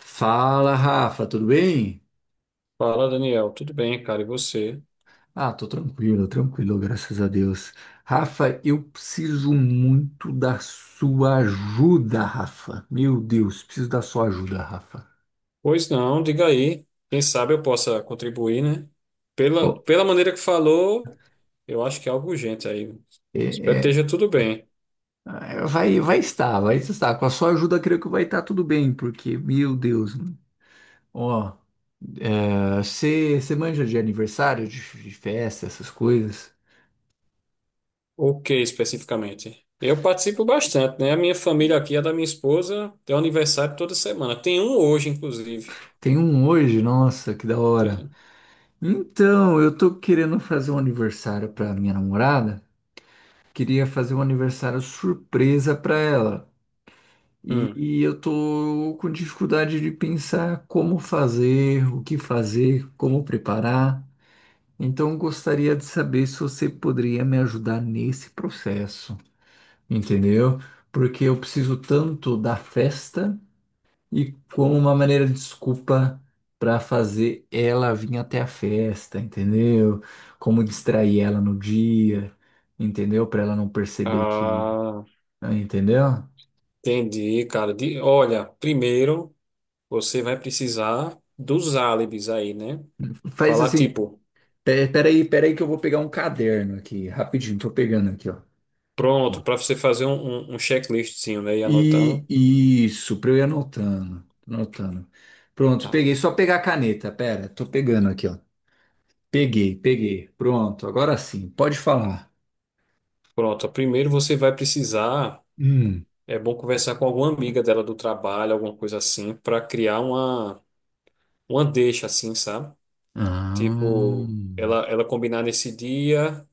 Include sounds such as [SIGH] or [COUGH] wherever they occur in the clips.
Fala, Rafa, tudo bem? Fala, Daniel. Tudo bem, cara? E você? Ah, tô tranquilo, tranquilo, graças a Deus. Rafa, eu preciso muito da sua ajuda, Rafa. Meu Deus, preciso da sua ajuda, Rafa. Pois não, diga aí. Quem sabe eu possa contribuir, né? Pela, Ó, pela maneira que falou, eu acho que é algo urgente aí. é, Espero que é, esteja tudo bem. é, vai estar. Com a sua ajuda, creio que vai estar tudo bem, porque, meu Deus, mano. Ó, você manja de aniversário, de festa, essas coisas? O que especificamente? Eu participo bastante, né? A minha família aqui, a da minha esposa, tem um aniversário toda semana. Tem um hoje, inclusive. Tem um hoje, nossa, que da hora. Tem. Então, eu tô querendo fazer um aniversário pra minha namorada. Queria fazer um aniversário surpresa para ela. E, Hum. e eu tô com dificuldade de pensar como fazer, o que fazer, como preparar. Então, eu gostaria de saber se você poderia me ajudar nesse processo, entendeu? Porque eu preciso tanto da festa e como uma maneira de desculpa para fazer ela vir até a festa, entendeu? Como distrair ela no dia, entendeu? Para ela não perceber que, Ah, entendeu? entendi, cara. Olha, primeiro você vai precisar dos álibis aí, né? Faz Falar assim, tipo. peraí que eu vou pegar um caderno aqui, rapidinho, tô pegando aqui, ó. Ó. Pronto, para você fazer um checklistzinho, né? E E anotando. isso, pra eu ir anotando, anotando. Pronto, Ah, peguei, só pegar a caneta, pera, tô pegando aqui, ó. Peguei, peguei, pronto, agora sim, pode falar. pronto, ó, primeiro você vai precisar, Hum. é bom conversar com alguma amiga dela do trabalho, alguma coisa assim, para criar uma deixa assim, sabe? Ah. Tipo, ela combinar nesse dia,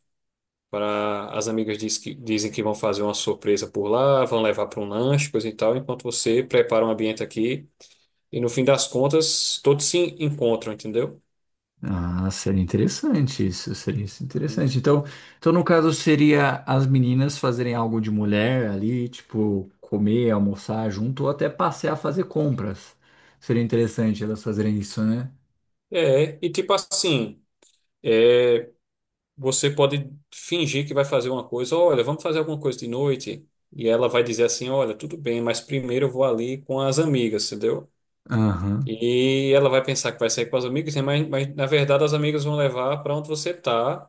para as amigas dizem que vão fazer uma surpresa por lá, vão levar para um lanche, coisa e tal, enquanto você prepara um ambiente aqui. E no fim das contas, todos se encontram, entendeu? Ah, seria interessante isso, seria isso Hum. interessante. Então, no caso, seria as meninas fazerem algo de mulher ali, tipo, comer, almoçar junto, ou até passear, fazer compras. Seria interessante elas fazerem isso, né? É, e tipo assim. é, Você pode fingir que vai fazer uma coisa, olha, vamos fazer alguma coisa de noite. E ela vai dizer assim, olha, tudo bem, mas primeiro eu vou ali com as amigas, entendeu? Aham. E ela vai pensar que vai sair com as amigas, né? Mas na verdade as amigas vão levar para onde você tá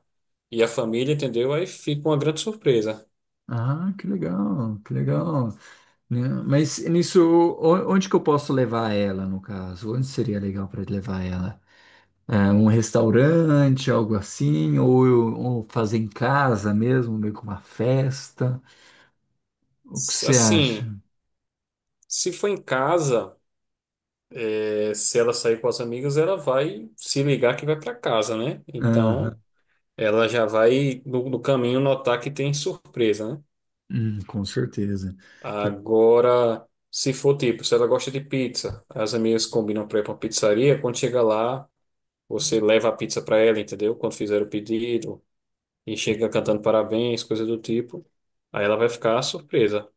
e a família, entendeu? Aí fica uma grande surpresa. Ah, que legal, que legal. Né? Mas nisso, onde que eu posso levar ela, no caso? Onde seria legal para levar ela? É, um restaurante, algo assim, ou fazer em casa mesmo, meio que uma festa? O que você acha? Assim, se for em casa, se ela sair com as amigas, ela vai se ligar que vai para casa, né? Aham. Então, ela já vai no caminho notar que tem surpresa, né? Com certeza. Tá- Agora, se for tipo, se ela gosta de pizza, as amigas combinam para ir para uma pizzaria, quando chega lá, você leva a pizza para ela, entendeu? Quando fizer o pedido e chega cantando parabéns, coisa do tipo. Aí ela vai ficar surpresa.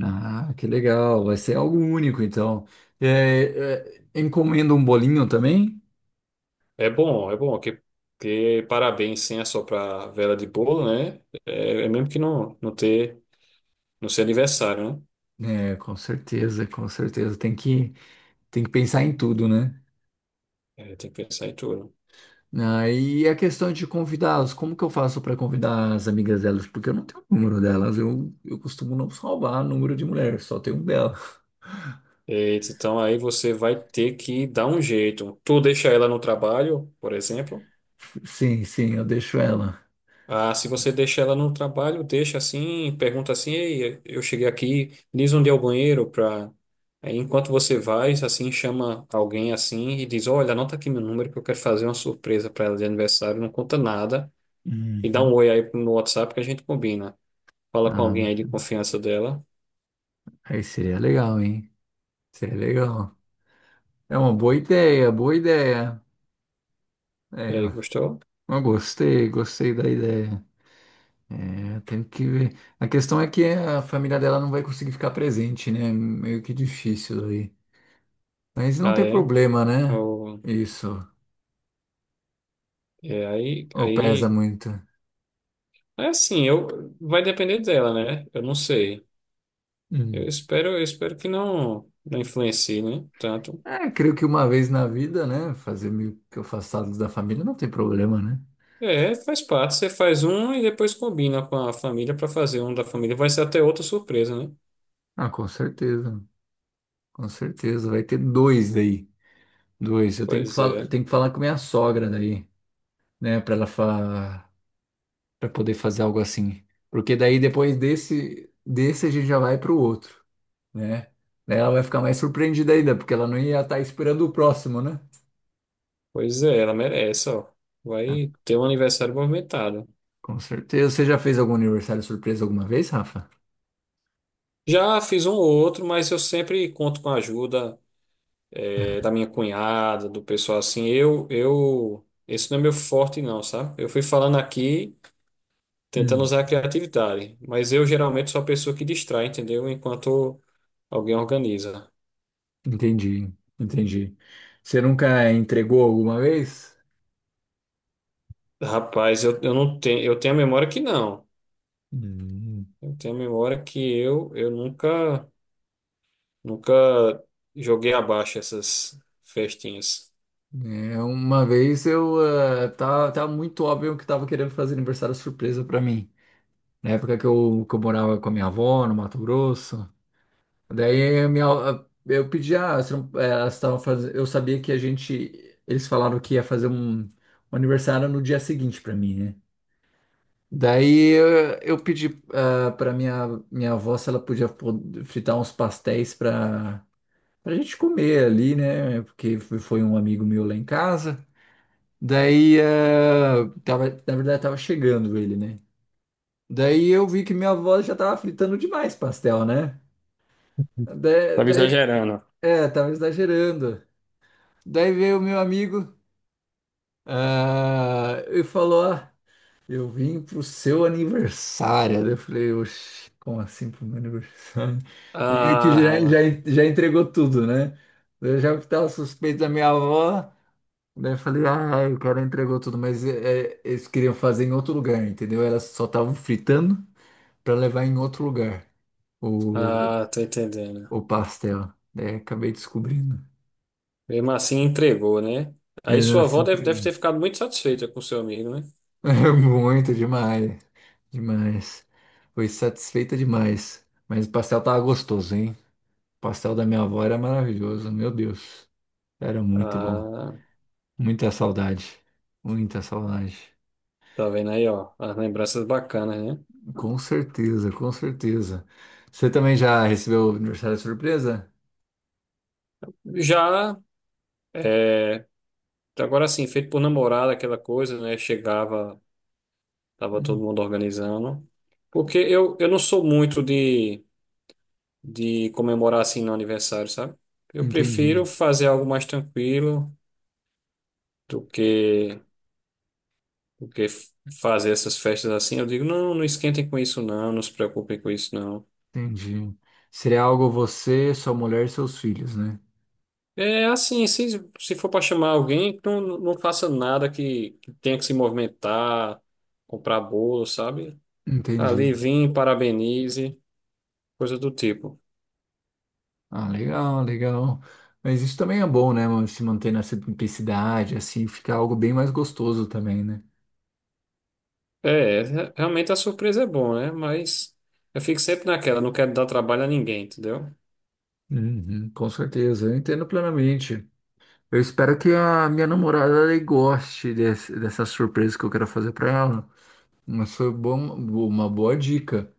Ah, que legal. Vai ser algo único, então. Encomenda um bolinho também? É bom que parabéns sem assoprar vela de bolo, né? É, é mesmo que não não ter não ser aniversário, né? É, com certeza, com certeza. Tem que pensar em tudo, né? É, tem que pensar em tudo. Ah, e a questão de convidá-los, como que eu faço para convidar as amigas delas? Porque eu não tenho o número delas, eu costumo não salvar número de mulher, só tenho um dela. Eita, então aí você vai ter que dar um jeito. Tu deixa ela no trabalho, por exemplo. [LAUGHS] Sim, sim, eu deixo ela. Ah, se você deixa ela no trabalho, deixa assim, pergunta assim, ei, eu cheguei aqui, diz onde é o banheiro para enquanto você vai, assim, chama alguém assim e diz, olha, anota aqui meu número que eu quero fazer uma surpresa para ela de aniversário, não conta nada e dá um Uhum. oi aí no WhatsApp que a gente combina. Fala com alguém Ah, aí de confiança dela. aí seria legal, hein? Seria legal. É uma boa ideia, boa ideia. É, E aí, gostou? eu gostei, gostei da ideia. É, tenho que ver. A questão é que a família dela não vai conseguir ficar presente, né? Meio que difícil aí. Mas não Ah, tem é. problema, né? Eu- Isso. é aí, Ou pesa aí muito. é assim, eu vai depender dela, né? Eu não sei. Eu Hum. espero, eu espero que não não influencie, né? Tanto. É, creio que uma vez na vida, né? Fazer meio que afastado da família não tem problema, né? É, faz parte. Você faz um e depois combina com a família para fazer um da família. Vai ser até outra surpresa, né? Ah, com certeza. Com certeza. Vai ter dois daí. Dois. Eu Pois é. tenho que falar com minha sogra daí, né? Pra ela fa. Para poder fazer algo assim. Porque daí depois desse a gente já vai para o outro, né? Daí ela vai ficar mais surpreendida ainda, porque ela não ia estar esperando o próximo, né? Pois é, ela merece, ó. Ah, Vai ter um aniversário movimentado. com certeza. Você já fez algum aniversário surpresa alguma vez, Rafa? Já fiz um ou outro, mas eu sempre conto com a ajuda, da minha cunhada, do pessoal assim. Esse não é meu forte não, sabe? Eu fui falando aqui tentando Hum, usar a criatividade, mas eu geralmente sou a pessoa que distrai, entendeu? Enquanto alguém organiza. entendi, entendi. Você nunca entregou alguma vez? Rapaz, eu não tenho, eu tenho a memória que não. Hum. Eu tenho a memória que eu nunca, nunca joguei abaixo essas festinhas. É, uma vez eu tá muito óbvio que tava querendo fazer aniversário surpresa para mim. Na época que eu morava com a minha avó no Mato Grosso. Daí eu pedi, elas estavam fazendo. Eu sabia que a gente. Eles falaram que ia fazer um aniversário no dia seguinte pra mim, né? Daí eu pedi pra minha avó se ela podia fritar uns pastéis pra gente comer ali, né? Porque foi um amigo meu lá em casa. Daí, na verdade, tava chegando ele, né? Daí eu vi que minha avó já tava fritando demais pastel, né? Da- Tava Daí, exagerando. Tava exagerando. Daí veio o meu amigo, e falou: Ah, eu vim pro seu aniversário. Daí eu falei: Oxi, como assim pro meu aniversário? Daí meio que já, já, Ah, já entregou tudo, né? Daí eu já tava suspeito da minha avó. Daí eu falei: Ah, o cara entregou tudo, mas eles queriam fazer em outro lugar, entendeu? Elas só estavam fritando para levar em outro lugar o, ah, tô entendendo. o pastel. Daí acabei descobrindo. Mesmo assim, entregou, né? Aí Eles sua avó assim, deve ter ficado muito satisfeita com seu amigo, né? [LAUGHS] Muito demais. Demais. Foi satisfeita demais. Mas o pastel tava gostoso, hein? O pastel da minha avó era maravilhoso, meu Deus. Era muito bom. Ah, Muita saudade. Muita saudade. tá vendo aí, ó, as lembranças bacanas, né? Com certeza, com certeza. Você também já recebeu o aniversário de surpresa? Já, é, agora sim, feito por namorada, aquela coisa, né? Chegava, tava todo Hum, mundo organizando. Porque eu não sou muito de comemorar assim no aniversário, sabe? Eu prefiro entendi, fazer algo mais tranquilo do que, do que fazer essas festas assim. Eu digo, não, não esquentem com isso, não, não se preocupem com isso, não. entendi. Seria algo você, sua mulher e seus filhos, né? É assim, se for para chamar alguém, não, não faça nada que tenha que se movimentar, comprar bolo, sabe? Ali, Entendi. vim, parabenize, coisa do tipo. Ah, legal, legal. Mas isso também é bom, né, mano? Se manter na simplicidade, assim, fica algo bem mais gostoso também, né? É, realmente a surpresa é bom, né? Mas eu fico sempre naquela, não quero dar trabalho a ninguém, entendeu? Uhum, com certeza, eu entendo plenamente. Eu espero que a minha namorada ela goste dessa surpresa que eu quero fazer pra ela. Mas foi bom, uma boa dica.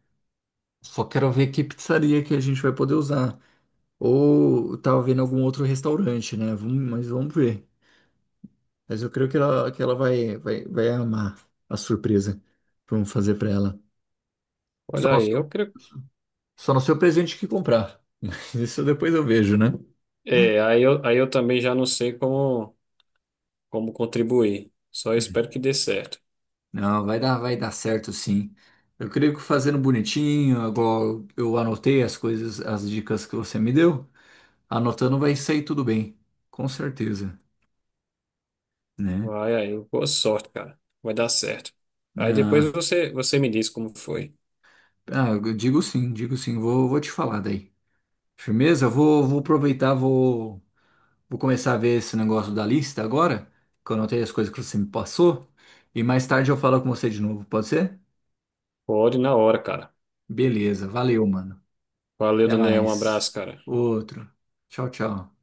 Só quero ver que pizzaria que a gente vai poder usar. Ou tava vendo algum outro restaurante, né? Vamos, mas vamos ver. Mas eu creio que ela, vai amar a surpresa que vamos fazer pra ela. Só Olha não aí, sei, eu creio. só não sei o presente que comprar. [LAUGHS] Mas isso depois eu vejo, né? É, aí eu também já não sei como, como contribuir. Só espero que dê certo. Não, vai dar certo sim. Eu creio que fazendo bonitinho, agora eu anotei as coisas, as dicas que você me deu. Anotando vai sair tudo bem, com certeza, né? Vai aí, boa sorte, cara. Vai dar certo. Aí depois Ah, você me diz como foi. ah, eu digo sim, vou te falar daí. Firmeza? Vou aproveitar, vou começar a ver esse negócio da lista agora, que eu anotei as coisas que você me passou, e mais tarde eu falo com você de novo, pode ser? Pode na hora, cara. Beleza, valeu, mano. Valeu, Até Daniel. Um mais. abraço, cara. Outro. Tchau, tchau.